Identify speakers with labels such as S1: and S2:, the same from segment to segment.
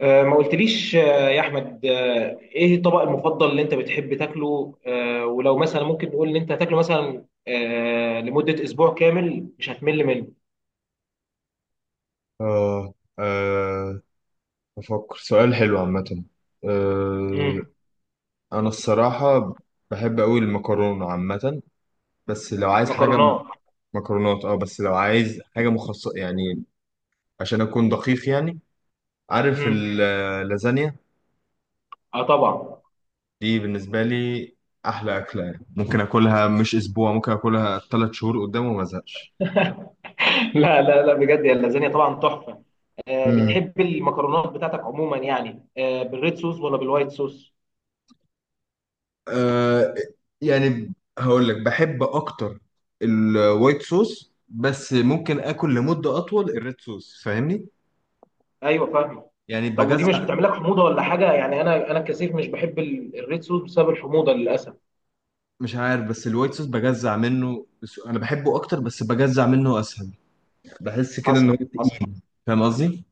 S1: ما قلتليش، يا احمد، ايه الطبق المفضل اللي انت بتحب تاكله؟ ولو مثلا ممكن نقول ان انت هتاكله مثلا لمدة اسبوع كامل مش هتمل منه.
S2: آه آه أفكر سؤال حلو عامة. آه
S1: امم
S2: أنا الصراحة بحب أوي المكرونة عامة. بس لو عايز حاجة
S1: مكرونات.
S2: مكرونات. أه بس لو عايز حاجة مخصصة، يعني عشان أكون دقيق يعني. عارف
S1: امم
S2: اللازانيا
S1: اه، طبعا.
S2: دي بالنسبة لي أحلى أكلة، يعني ممكن أكلها مش أسبوع، ممكن أكلها تلات شهور قدام وما أزهقش.
S1: لا لا لا، بجد يا اللازانيا طبعا تحفة. بتحب المكرونات بتاعتك عموما، يعني بالريد صوص ولا بالوايت صوص؟
S2: آه يعني هقول لك بحب اكتر الوايت صوص، بس ممكن اكل لمدة اطول الريد صوص، فاهمني؟
S1: ايوه فاهمه.
S2: يعني
S1: طب ودي مش
S2: بجزع.
S1: بتعمل لك حموضة ولا حاجة؟ يعني انا كثير مش بحب الريد صوص بسبب الحموضة للاسف.
S2: مش عارف، بس الوايت صوص بجزع منه، بس انا بحبه اكتر، بس بجزع منه اسهل. بحس كده ان هو
S1: حصل حصل.
S2: تقيل، فاهم قصدي؟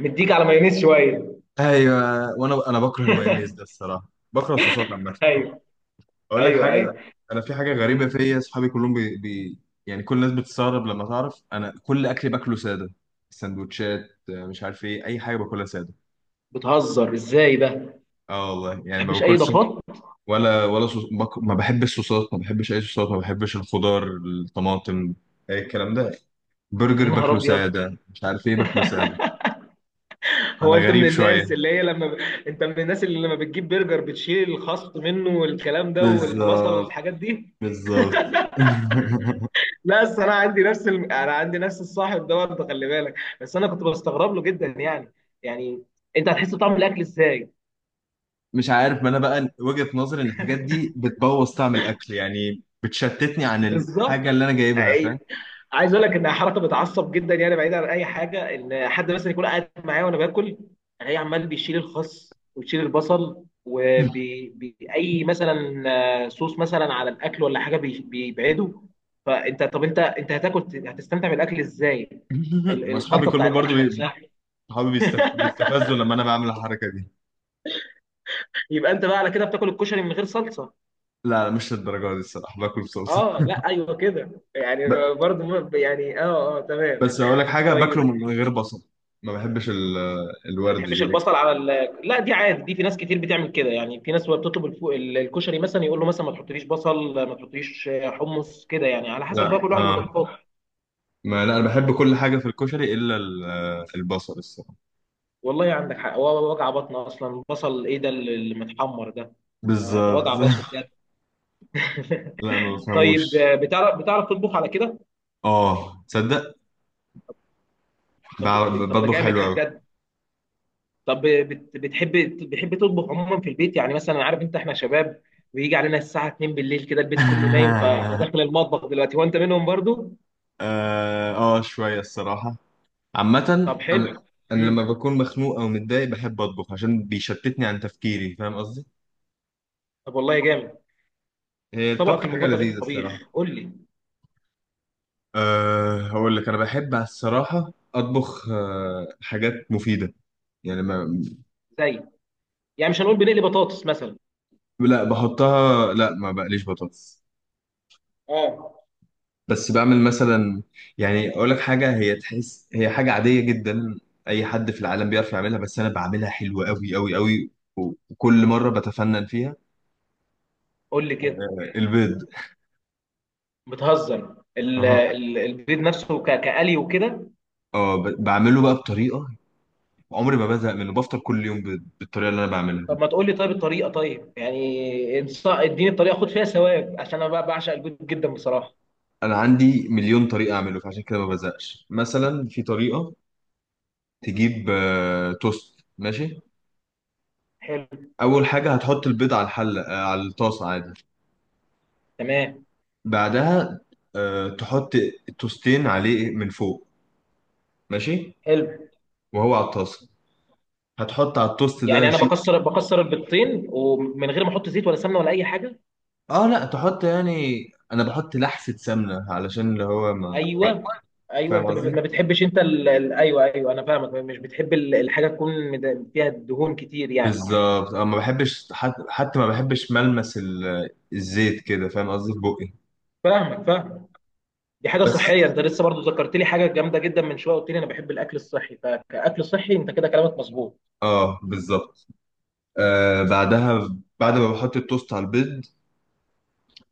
S1: مديك على مايونيز شويه.
S2: ايوه. وانا بكره المايونيز ده الصراحة، بكره الصوصات عامة.
S1: ايوه
S2: اقول لك
S1: ايوه
S2: حاجه،
S1: ايوه.
S2: انا في حاجه غريبه
S1: امم
S2: فيا. اصحابي كلهم يعني كل الناس بتستغرب لما تعرف انا كل اكلي باكله ساده. سندوتشات، مش عارف ايه، اي حاجه باكلها ساده.
S1: بتهزر ازاي ده؟ ما
S2: اه والله يعني ما
S1: بتحبش اي
S2: باكلش.
S1: اضافات.
S2: ولا صوص ما بحبش الصوصات، ما بحبش اي صوصات، ما بحبش الخضار، الطماطم، اي الكلام ده.
S1: يا
S2: برجر
S1: نهار
S2: باكله
S1: ابيض.
S2: ساده، مش عارف ايه باكله ساده.
S1: هو
S2: انا
S1: انت من
S2: غريب
S1: الناس
S2: شويه.
S1: اللي هي لما انت من الناس اللي لما بتجيب برجر بتشيل الخس منه والكلام ده والبصل
S2: بالظبط.
S1: والحاجات دي.
S2: بالظبط.
S1: لا بس انا عندي نفس الصاحب ده برضه، خلي بالك. بس انا كنت بستغرب له جدا، يعني، يعني انت هتحس بطعم الاكل ازاي؟
S2: مش عارف، ما انا بقى وجهة نظري ان الحاجات دي بتبوظ طعم الاكل، يعني بتشتتني عن الحاجة اللي
S1: بالظبط.
S2: انا جايبها، فاهم؟
S1: عايز اقول لك ان حركه بتعصب جدا، يعني بعيدا عن اي حاجه، ان حد مثلا يكون قاعد معايا وانا باكل، الاقيه عمال بيشيل الخس ويشيل البصل وبأي مثلا صوص مثلا على الاكل ولا حاجه، بيبعده. فانت، طب انت هتستمتع بالاكل ازاي؟ ال-
S2: واصحابي
S1: الخلطه بتاع
S2: كلهم برضو
S1: الاكل نفسها.
S2: صحابي بيستفزوا لما انا بعمل الحركة دي.
S1: يبقى انت بقى على كده بتاكل الكشري من غير صلصه؟
S2: لا لا، مش للدرجة دي الصراحة، باكل بصلصة.
S1: اه لا ايوه كده، يعني
S2: ب...
S1: برضه يعني اه اه تمام.
S2: بس اقول لك حاجة، باكله
S1: طيب
S2: من غير بصل. ما بحبش
S1: ما
S2: الورد
S1: بتحبش
S2: دي.
S1: البصل على لا دي عادي، دي في ناس كتير بتعمل كده، يعني في ناس وهي بتطلب الكشري مثلا يقول له مثلا ما تحطليش بصل، ما تحطليش حمص، كده يعني على حسب بقى
S2: لا
S1: كل واحد
S2: اه،
S1: واضافاته.
S2: ما لا انا بحب كل حاجة في الكشري الا البصل الصراحة.
S1: والله عندك حق، هو وجع بطن اصلا بصل ايه ده اللي متحمر ده؟ ده وجع
S2: بالظبط.
S1: بطن بجد.
S2: لا ما بفهموش.
S1: طيب، بتعرف تطبخ على كده؟
S2: اه تصدق،
S1: طب طب ده
S2: بطبخ
S1: جامد
S2: حلو
S1: ده
S2: قوي.
S1: بجد. طب بتحب تطبخ عموما في البيت، يعني مثلا عارف انت احنا شباب، بيجي علينا الساعه 2 بالليل كده البيت كله نايم، فانا داخل المطبخ دلوقتي وانت منهم برضو.
S2: اه، شوية الصراحة، عامة.
S1: طب حلو.
S2: أم- انا لما
S1: امم
S2: بكون مخنوق او متضايق بحب اطبخ، عشان بيشتتني عن تفكيري، فاهم قصدي؟
S1: طب والله جامد.
S2: هي
S1: طبقك
S2: الطبخ حاجة
S1: المفضل ايه في
S2: لذيذة الصراحة.
S1: الطبيخ؟ قول لي.
S2: أه هقول لك، انا بحب على الصراحة اطبخ أه حاجات مفيدة، يعني ما
S1: زي، يعني مش هنقول بنقلي بطاطس مثلا.
S2: لا بحطها، لا ما بقليش بطاطس.
S1: اه،
S2: بس بعمل مثلا، يعني اقول لك حاجة، هي تحس هي حاجة عادية جدا، اي حد في العالم بيعرف يعملها، بس انا بعملها حلوة قوي قوي قوي، وكل مرة بتفنن فيها.
S1: قول لي كده.
S2: البيض.
S1: بتهزر؟ ال-
S2: أها،
S1: ال- البيض نفسه كقلي وكده؟
S2: اه بعمله بقى بطريقه، عمري ما بزهق منه، بفطر كل يوم بالطريقه اللي انا بعملها دي.
S1: طب ما تقول لي طيب الطريقه، طيب يعني اديني الطريقه، خد فيها ثواب، عشان انا بقى بعشق البيض جدا بصراحه.
S2: انا عندي مليون طريقه اعمله، فعشان كده ما بزهقش. مثلا في طريقه تجيب توست، ماشي.
S1: حلو.
S2: اول حاجه هتحط البيض على الحله، على الطاسه عادي.
S1: تمام.
S2: بعدها تحط التوستين عليه من فوق، ماشي،
S1: حلو.
S2: وهو على الطاسه. هتحط على التوست
S1: يعني
S2: ده
S1: انا
S2: شيء.
S1: بكسر البيضتين ومن غير ما احط زيت ولا سمنه ولا اي حاجه؟
S2: اه لا تحط يعني، انا بحط لحسه سمنه علشان اللي هو ما،
S1: ايوه ايوه،
S2: فاهم
S1: انت
S2: قصدي؟
S1: ما بتحبش انت ايوه ايوه، انا فاهمك، مش بتحب الحاجه تكون فيها دهون كتير يعني.
S2: بالظبط، أنا ما بحبش حتى ما بحبش ملمس الزيت كده، فاهم قصدي؟ في بقي
S1: فاهمك فاهمك. دي حاجه
S2: بس،
S1: صحيه، انت لسه برضو ذكرت لي حاجه جامده جدا من شويه، قلت لي انا بحب الاكل الصحي، فكاكل صحي انت كده كلامك مظبوط.
S2: اه بالظبط. آه بعدها، بعد ما بحط التوست على البيض،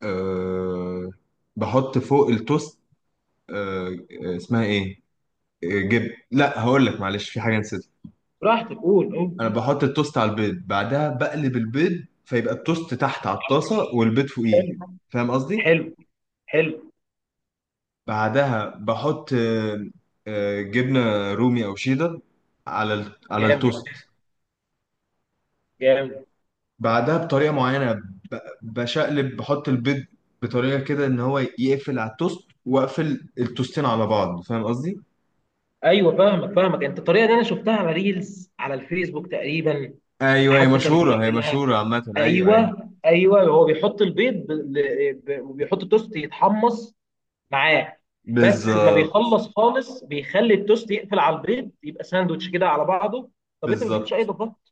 S2: آه بحط فوق التوست، آه اسمها ايه، آه، جب لا هقول لك معلش، في حاجه نسيتها.
S1: براحتك قول قول.
S2: انا بحط التوست على البيض، بعدها بقلب البيض، فيبقى التوست تحت على الطاسه والبيض فوقيه،
S1: حلو
S2: فاهم قصدي؟
S1: حلو حلو.
S2: بعدها بحط جبنة رومي أو شيدر على على
S1: جامد
S2: التوست.
S1: جامد.
S2: بعدها بطريقة معينة بشقلب بحط البيض بطريقة كده إن هو يقفل على التوست، وأقفل التوستين على بعض، فاهم قصدي؟
S1: ايوه فاهمك فاهمك، انت الطريقه دي انا شفتها على ريلز على الفيسبوك تقريبا.
S2: أيوه هي
S1: حد كان
S2: مشهورة، هي
S1: بيعملها.
S2: مشهورة عامة، أيوه أيوه.
S1: ايوه ايوه، هو بيحط البيض وبيحط التوست يتحمص معاه، بس ما
S2: بالظبط.
S1: بيخلص خالص، بيخلي التوست يقفل على البيض، يبقى ساندوتش كده على بعضه. طب انت ما بتحطش اي
S2: بالظبط،
S1: اضافات؟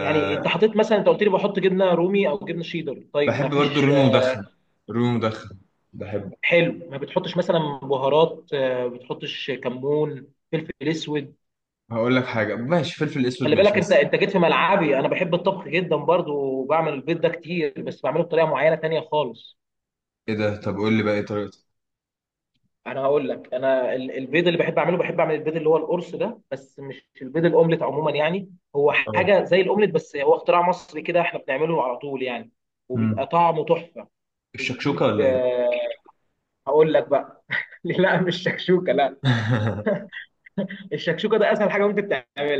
S1: يعني انت حطيت مثلا، انت قلت لي بحط جبنه رومي او جبنه شيدر، طيب
S2: بحب
S1: ما
S2: برضو
S1: فيش
S2: الرومي مدخن، رومي مدخن بحبه.
S1: حلو ما بتحطش مثلا بهارات؟ ما بتحطش كمون، فلفل اسود؟
S2: هقول لك حاجة، ماشي، فلفل أسود
S1: خلي بالك
S2: ماشي،
S1: انت
S2: بس.
S1: انت جيت في ملعبي، انا بحب الطبخ جدا برضو، وبعمل البيض ده كتير، بس بعمله بطريقه معينه تانية خالص.
S2: إيه ده، طب قول لي بقى إيه طريقته؟
S1: انا هقول لك، انا البيض اللي بحب اعمل البيض اللي هو القرص ده، بس مش البيض الاومليت، عموما يعني هو
S2: اه.
S1: حاجه زي الاومليت، بس هو اختراع مصري كده، احنا بنعمله على طول يعني،
S2: مم.
S1: وبيبقى طعمه تحفه.
S2: الشكشوكة
S1: بنجيب
S2: ولا إيه؟
S1: آه، هقول لك بقى. لا مش شكشوكه لا. الشكشوكه ده اسهل حاجه ممكن تعملها.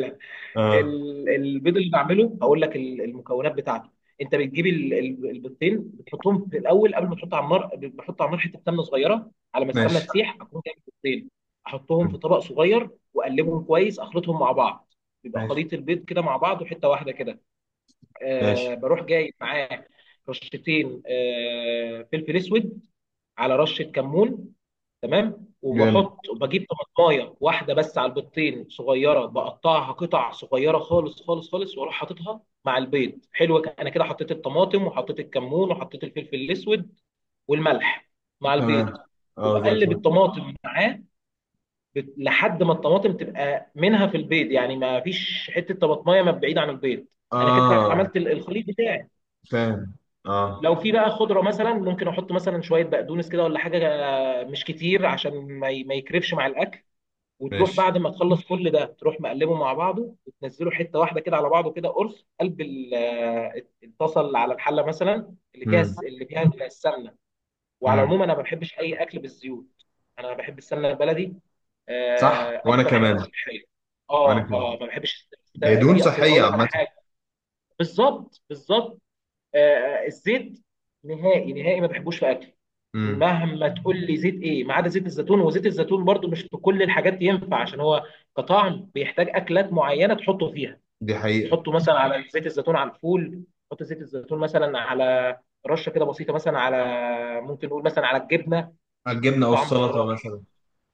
S2: اه،
S1: البيض اللي بعمله، هقول لك المكونات بتاعته. انت بتجيب البيضتين، بتحطهم في الاول قبل ما تحط على النار، بحط على النار حته سمنه صغيره، على ما السمنه
S2: ماشي
S1: تسيح اكون جايب البيضتين، احطهم في طبق صغير واقلبهم كويس، اخلطهم مع بعض، بيبقى
S2: ماشي
S1: خليط البيض كده مع بعض وحته واحده كده.
S2: ماشي.
S1: بروح جايب معاه رشتين، فلفل اسود، على رشه كمون. تمام.
S2: جامد.
S1: وبحط وبجيب طماطمايه واحده بس على البيضتين صغيره، بقطعها قطع صغيره خالص خالص خالص، واروح حاططها مع البيض. حلو، انا كده حطيت الطماطم وحطيت الكمون وحطيت الفلفل الاسود والملح مع البيض،
S2: تمام. اه زي
S1: وبقلب
S2: الفل.
S1: الطماطم معاه لحد ما الطماطم تبقى منها في البيض، يعني ما فيش حته طماطمايه ما بعيد عن البيض. انا كده
S2: اه
S1: عملت الخليط بتاعي.
S2: فاهم. اه
S1: لو في بقى خضره مثلا ممكن احط مثلا شويه بقدونس كده ولا حاجه، مش كتير عشان ما يكرفش مع الاكل. وتروح
S2: ماشي.
S1: بعد ما تخلص كل ده تروح مقلبه مع بعضه وتنزله حته واحده كده على بعضه كده، قرص. قلب اتصل على الحله مثلا اللي فيها
S2: امم.
S1: اللي فيها السمنه. وعلى
S2: امم.
S1: العموم انا ما بحبش اي اكل بالزيوت، انا بحب السمنه البلدي،
S2: صح وانا
S1: اكتر حاجه
S2: كمان.
S1: صحيه.
S2: وانا
S1: اه
S2: كمان،
S1: اه، ما بحبش
S2: هي دهون
S1: في اصل
S2: صحية
S1: هقول لك على
S2: عامة.
S1: حاجه. بالظبط بالظبط. الزيت نهائي نهائي ما بحبوش في اكل،
S2: امم.
S1: مهما تقول لي زيت ايه، ما عدا زيت الزيتون، وزيت الزيتون برضو مش في كل الحاجات ينفع، عشان هو كطعم بيحتاج اكلات معينه تحطه فيها.
S2: دي حقيقة.
S1: تحطه مثلا على، زيت الزيتون على الفول، تحط زيت الزيتون مثلا على رشه كده بسيطه مثلا على، ممكن نقول مثلا على الجبنه، بيديك
S2: الجبنة او
S1: طعم
S2: السلطة
S1: خرافي.
S2: مثلا.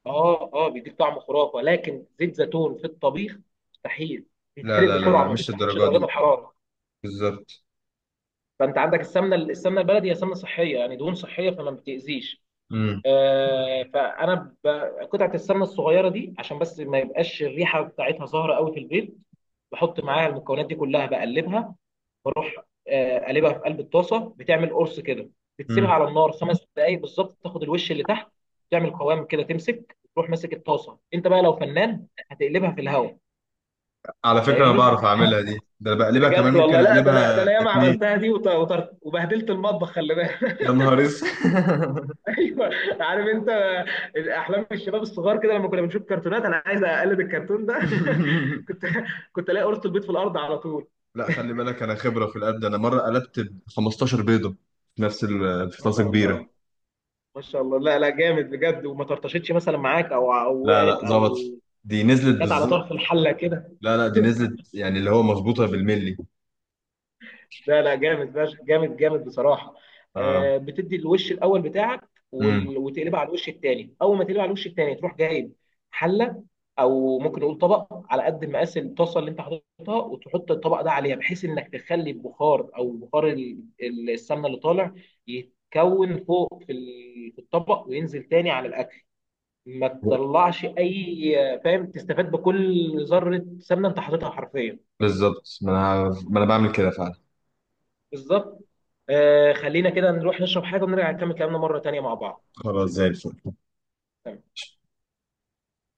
S1: اه اه، بيديك طعم خرافه، لكن زيت زيتون في الطبيخ مستحيل،
S2: لا
S1: بيتحرق
S2: لا لا
S1: بسرعه،
S2: لا،
S1: ما
S2: مش
S1: بيستحملش
S2: الدرجة
S1: درجات
S2: دي.
S1: الحراره.
S2: بالظبط.
S1: فانت عندك السمنه، السمنه البلدي هي سمنه صحيه يعني، دهون صحيه، فما بتاذيش.
S2: امم.
S1: آه، فانا ب... قطعه السمنه الصغيره دي عشان بس ما يبقاش الريحه بتاعتها ظاهره قوي في البيض، بحط معاها المكونات دي كلها، بقلبها بروح قلبها في قلب الطاسه، بتعمل قرص كده، بتسيبها
S2: امم.
S1: على النار 5 دقائق بالظبط، تاخد الوش اللي تحت، تعمل قوام كده، تمسك تروح ماسك الطاسه انت بقى لو فنان هتقلبها في الهواء.
S2: على فكرة انا
S1: فاهمني.
S2: بعرف اعملها دي، ده انا بقلبها كمان،
S1: بجد
S2: ممكن
S1: والله. لا، ده انا ده
S2: اقلبها
S1: انا ياما
S2: اتنين.
S1: عملتها دي وبهدلت المطبخ، خلي
S2: يا
S1: بالك.
S2: نهار اسود.
S1: ايوه. عارف انت، احلام الشباب الصغار كده لما كنا بنشوف كرتونات، انا عايز اقلد الكرتون ده. كنت كنت الاقي قرص البيض في الارض على طول.
S2: لا خلي بالك، انا خبره في القلب ده. انا مره قلبت ب 15 بيضه في نفس في
S1: ما
S2: طاسه
S1: شاء
S2: كبيره.
S1: الله ما شاء الله. لا لا جامد بجد، وما طرطشتش مثلا معاك او
S2: لا
S1: وقعت
S2: لا،
S1: او.
S2: ظبط، دي نزلت
S1: جت على طرف
S2: بالظبط.
S1: الحله كده
S2: لا لا، دي نزلت يعني اللي هو مظبوطه بالملي.
S1: لا لا جامد جامد جامد بصراحه.
S2: اه.
S1: بتدي الوش الاول بتاعك
S2: امم.
S1: وتقلبها على الوش الثاني، اول ما تقلبها على الوش الثاني تروح جايب حله او ممكن نقول طبق على قد مقاس الطاسه اللي انت حاططها، وتحط الطبق ده عليها، بحيث انك تخلي البخار او بخار السمنه اللي طالع يتكون فوق في في الطبق، وينزل تاني على الاكل، ما تطلعش اي، فاهم، تستفاد بكل ذره سمنه انت حاططها حرفيا.
S2: بالظبط. ما انا بعمل كده فعلا.
S1: بالظبط. خلينا كده نروح نشرب حاجة ونرجع نكمل كلامنا مرة تانية مع بعض.
S2: خلاص زي الفل.
S1: تمام.